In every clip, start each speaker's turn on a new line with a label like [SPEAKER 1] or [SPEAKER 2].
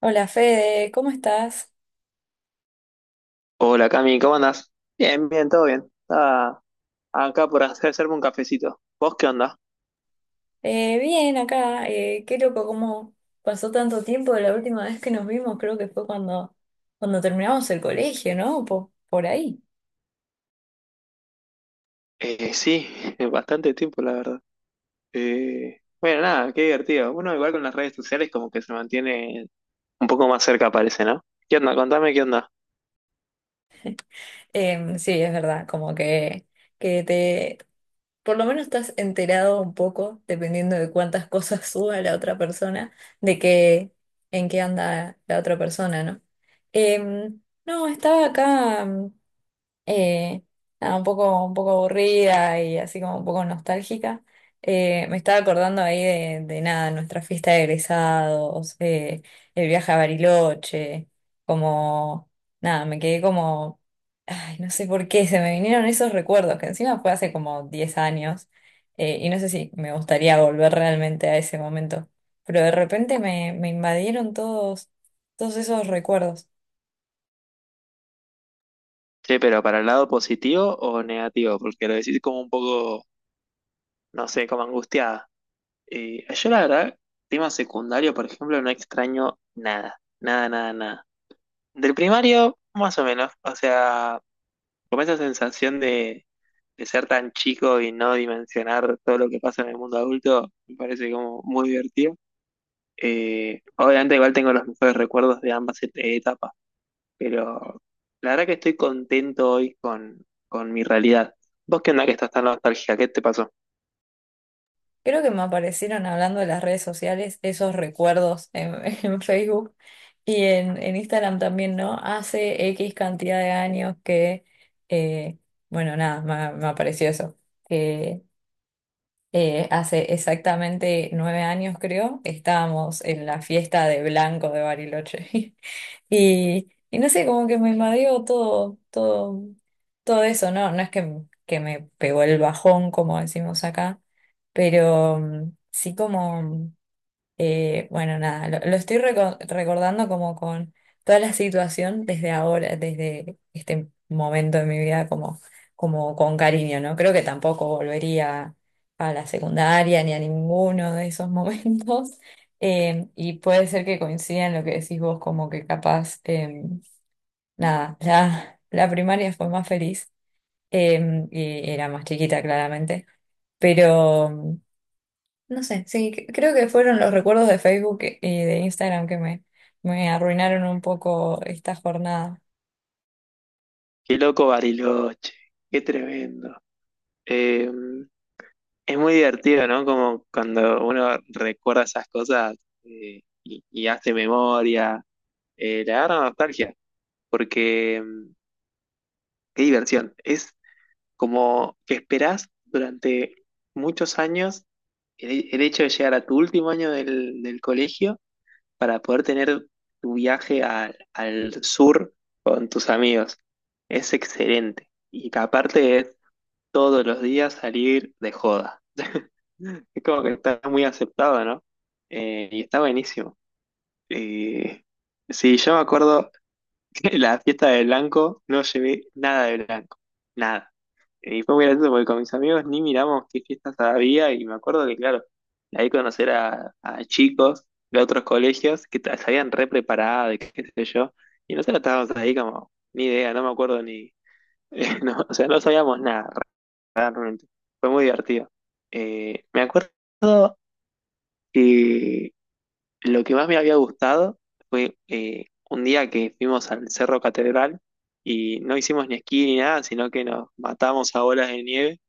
[SPEAKER 1] Hola Fede, ¿cómo estás?
[SPEAKER 2] Hola Cami, ¿cómo andás? Bien, bien, todo bien. Estaba acá por hacerme un cafecito. ¿Vos qué onda?
[SPEAKER 1] Bien acá, qué loco cómo pasó tanto tiempo de la última vez que nos vimos, creo que fue cuando terminamos el colegio, ¿no? Por ahí.
[SPEAKER 2] Sí, bastante tiempo, la verdad. Bueno, nada, qué divertido. Uno igual con las redes sociales como que se mantiene un poco más cerca, parece, ¿no? ¿Qué onda? Contame qué onda.
[SPEAKER 1] Sí, es verdad, como que te, por lo menos estás enterado un poco, dependiendo de cuántas cosas suba la otra persona, de qué, en qué anda la otra persona, ¿no? Em, no, estaba acá. eh, Nada, un poco aburrida y así como un poco nostálgica. Me estaba acordando ahí de nada, nuestra fiesta de egresados, el viaje a Bariloche, como, nada, me quedé como, ay, no sé por qué, se me vinieron esos recuerdos, que encima fue hace como 10 años, y no sé si me gustaría volver realmente a ese momento, pero de repente me invadieron todos, todos esos recuerdos.
[SPEAKER 2] Che, pero ¿para el lado positivo o negativo? Porque lo decís como un poco, no sé, como angustiada. Yo la verdad, tema secundario, por ejemplo, no extraño nada. Nada, nada, nada. Del primario, más o menos. O sea, como esa sensación de ser tan chico y no dimensionar todo lo que pasa en el mundo adulto, me parece como muy divertido. Obviamente igual tengo los mejores recuerdos de ambas etapas, pero la verdad que estoy contento hoy con mi realidad. ¿Vos qué onda que estás tan nostálgica? ¿Qué te pasó?
[SPEAKER 1] Creo que me aparecieron hablando de las redes sociales esos recuerdos en Facebook y en Instagram también, ¿no? Hace X cantidad de años eh, bueno, nada, me apareció eso, que hace exactamente 9 años, creo, estábamos en la fiesta de Blanco de Bariloche. Y no sé, como que me invadió todo, todo, todo eso, ¿no? No es que me pegó el bajón, como decimos acá, pero sí como bueno, nada, lo estoy recordando como con toda la situación desde ahora, desde este momento de mi vida, como, como con cariño, ¿no? Creo que tampoco volvería a la secundaria ni a ninguno de esos momentos. Y puede ser que coincida en lo que decís vos, como que capaz, nada, la primaria fue más feliz y era más chiquita, claramente, pero. No sé, sí, creo que fueron los recuerdos de Facebook y de Instagram que me arruinaron un poco esta jornada.
[SPEAKER 2] Qué loco Bariloche, qué tremendo. Eh, es muy divertido, ¿no? Como cuando uno recuerda esas cosas y hace memoria, le agarra nostalgia. Porque qué diversión. Es como que esperás durante muchos años el hecho de llegar a tu último año del colegio para poder tener tu viaje al sur con tus amigos. Es excelente. Y que aparte es todos los días salir de joda. Es como que está muy aceptado, ¿no? Y está buenísimo. Eh, sí, yo me acuerdo. En la fiesta de blanco no llevé nada de blanco, nada. Y fue muy gracioso porque con mis amigos ni miramos qué fiestas había y me acuerdo que, claro, ahí conocer a chicos de otros colegios que se habían re preparado de qué sé yo, y nosotros estábamos ahí como, ni idea, no me acuerdo ni, no, o sea, no sabíamos nada realmente. Fue muy divertido. Me acuerdo que lo que más me había gustado fue un día que fuimos al Cerro Catedral y no hicimos ni esquí ni nada, sino que nos matamos a bolas de nieve.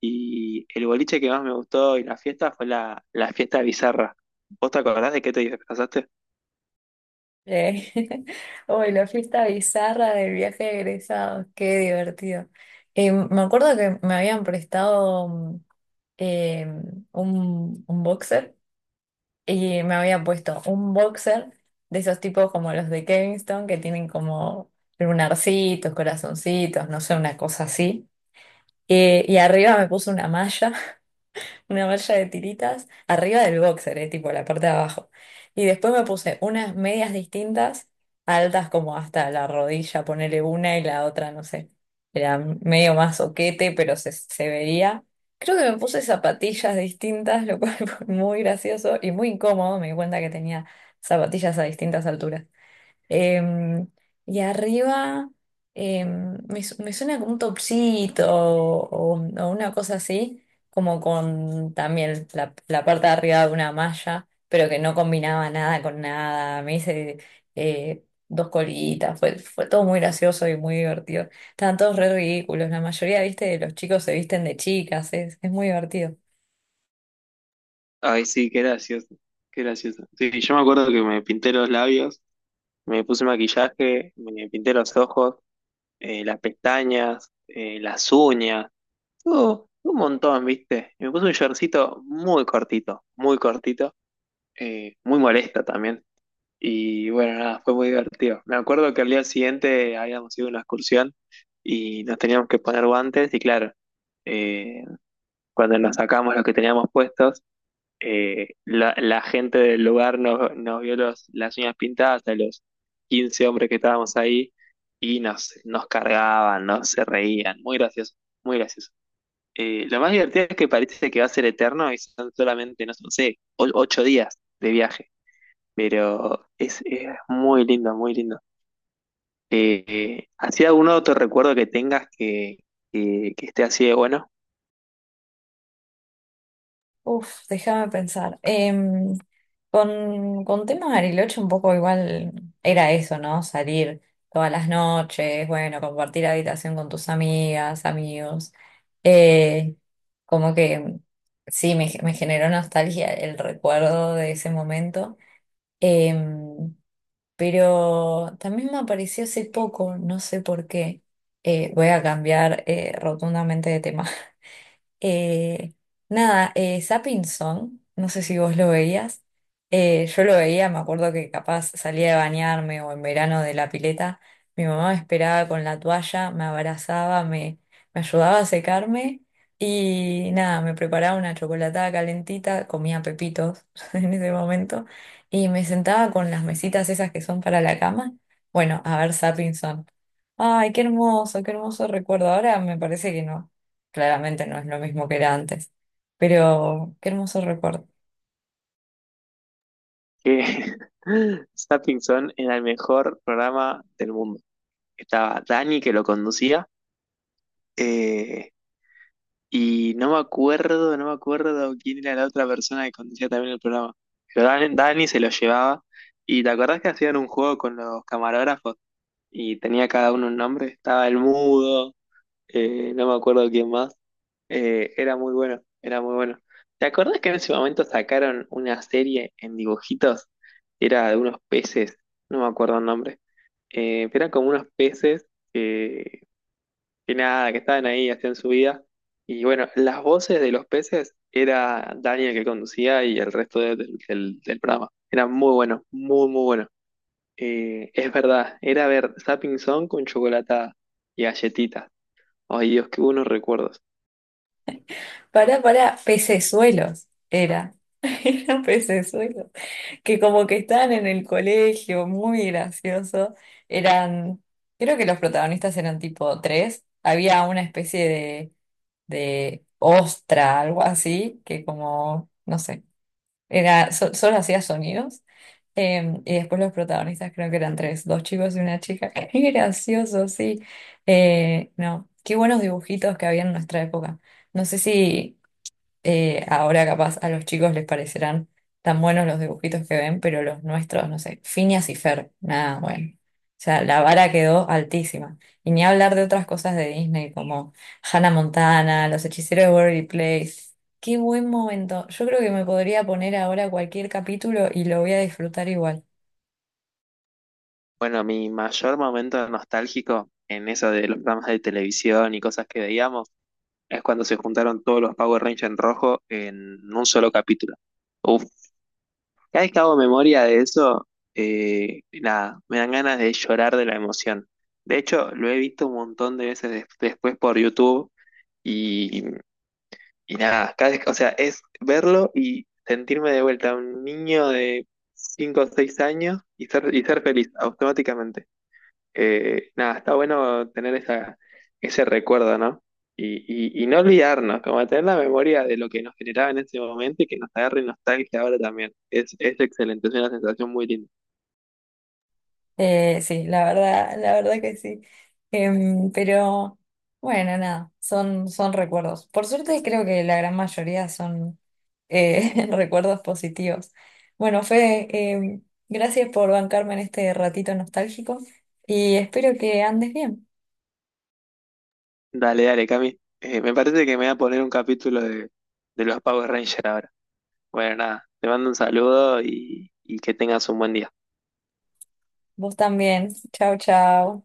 [SPEAKER 2] Y el boliche que más me gustó y la fiesta fue la fiesta bizarra. ¿Vos te acordás de qué te disfrazaste?
[SPEAKER 1] Eh, Uy, la fiesta bizarra del viaje de egresados, qué divertido. Me acuerdo que me habían prestado eh, un boxer y me había puesto un boxer de esos tipos como los de Kingston que tienen como lunarcitos, corazoncitos, no sé, una cosa así. Y arriba me puse una malla de tiritas arriba del boxer, tipo la parte de abajo. Y después me puse unas medias distintas, altas como hasta la rodilla, ponerle una y la otra, no sé. Era medio más oquete, pero se veía. Creo que me puse zapatillas distintas, lo cual fue muy gracioso y muy incómodo. Me di cuenta que tenía zapatillas a distintas alturas. Em, y arriba me suena como un topsito o una cosa así, como con también la parte de arriba de una malla, pero que no combinaba nada con nada. Me hice dos colitas, fue todo muy gracioso y muy divertido. Estaban todos re ridículos, la mayoría, viste, de los chicos se visten de chicas, es muy divertido.
[SPEAKER 2] Ay, sí, qué gracioso, qué gracioso. Sí, yo me acuerdo que me pinté los labios, me puse maquillaje, me pinté los ojos, las pestañas, las uñas. Estuvo- un montón, ¿viste? Y me puse un shortcito muy cortito, muy cortito, muy molesta también. Y bueno, nada, fue muy divertido. Me acuerdo que al día siguiente habíamos ido a una excursión y nos teníamos que poner guantes y claro, eh, cuando nos sacamos los que teníamos puestos, la gente del lugar nos vio las uñas pintadas a los 15 hombres que estábamos ahí y nos cargaban, nos se reían. Muy gracioso, muy gracioso. Lo más divertido es que parece que va a ser eterno y son solamente, no sé, ocho días de viaje, pero es muy lindo, muy lindo. ¿Así algún otro recuerdo que tengas que esté así de bueno?
[SPEAKER 1] Uf, déjame pensar. Con temas de Bariloche un poco igual era eso, ¿no? Salir todas las noches, bueno, compartir habitación con tus amigas, amigos. Eh, Como que sí, me generó nostalgia el recuerdo de ese momento. Em, pero también me apareció hace poco, no sé por qué. Voy a cambiar rotundamente de tema. Eh, Nada, Zapping Song, no sé si vos lo veías. Yo lo veía, me acuerdo que capaz salía de bañarme o en verano de la pileta. Mi mamá me esperaba con la toalla, me abrazaba, me ayudaba a secarme y nada, me preparaba una chocolatada calentita, comía pepitos en ese momento y me sentaba con las mesitas esas que son para la cama. Bueno, a ver Zapping Song. Ay, qué hermoso recuerdo. Ahora me parece que no. Claramente no es lo mismo que era antes. Pero qué hermoso recuerdo.
[SPEAKER 2] Que Zapping Zone era el mejor programa del mundo. Estaba Dani que lo conducía. Eh, Y no me acuerdo, no me acuerdo quién era la otra persona que conducía también el programa. Pero Dani se lo llevaba. ¿Y te acordás que hacían un juego con los camarógrafos? Y tenía cada uno un nombre. Estaba el mudo, no me acuerdo quién más. Era muy bueno, era muy bueno. ¿Te acordás que en ese momento sacaron una serie en dibujitos? Era de unos peces, no me acuerdo el nombre. Pero eran como unos peces que nada, que estaban ahí, hacían su vida. Y bueno, las voces de los peces era Daniel que conducía y el resto del programa. Era muy bueno, muy, muy bueno. Es verdad, era ver Zapping Zone con chocolate y galletitas. Ay, Dios, qué buenos recuerdos.
[SPEAKER 1] Pará, pará, pecesuelos era. Eran pecesuelos. Que como que estaban en el colegio, muy gracioso. Eran, creo que los protagonistas eran tipo tres. Había una especie de ostra, algo así, que como, no sé. Era, solo hacía sonidos. Y después los protagonistas creo que eran tres, dos chicos y una chica. Qué gracioso, sí. No, qué buenos dibujitos que había en nuestra época. No sé si ahora capaz a los chicos les parecerán tan buenos los dibujitos que ven, pero los nuestros, no sé, Phineas y Fer, nada, bueno. O sea, la vara quedó altísima. Y ni hablar de otras cosas de Disney como Hannah Montana, Los Hechiceros de Waverly Place. Qué buen momento. Yo creo que me podría poner ahora cualquier capítulo y lo voy a disfrutar igual.
[SPEAKER 2] Bueno, mi mayor momento nostálgico en eso de los programas de televisión y cosas que veíamos es cuando se juntaron todos los Power Rangers en rojo en un solo capítulo. Uf, cada vez que hago memoria de eso, nada, me dan ganas de llorar de la emoción. De hecho, lo he visto un montón de veces después por YouTube y, y nada, cada vez, o sea, es verlo y sentirme de vuelta un niño de 5 o 6 años y ser feliz automáticamente. Nada, está bueno tener esa, ese recuerdo, ¿no? Y, y no olvidarnos, como tener la memoria de lo que nos generaba en ese momento y que nos agarre nostalgia ahora también. Es excelente, es una sensación muy linda.
[SPEAKER 1] Sí, la verdad que sí. Pero bueno, nada, son recuerdos. Por suerte creo que la gran mayoría son recuerdos positivos. Bueno, Fede, em, gracias por bancarme en este ratito nostálgico y espero que andes bien.
[SPEAKER 2] Dale, dale, Cami. Me parece que me voy a poner un capítulo de los Power Rangers ahora. Bueno, nada, te mando un saludo y que tengas un buen día.
[SPEAKER 1] Vos también. Chao, chao.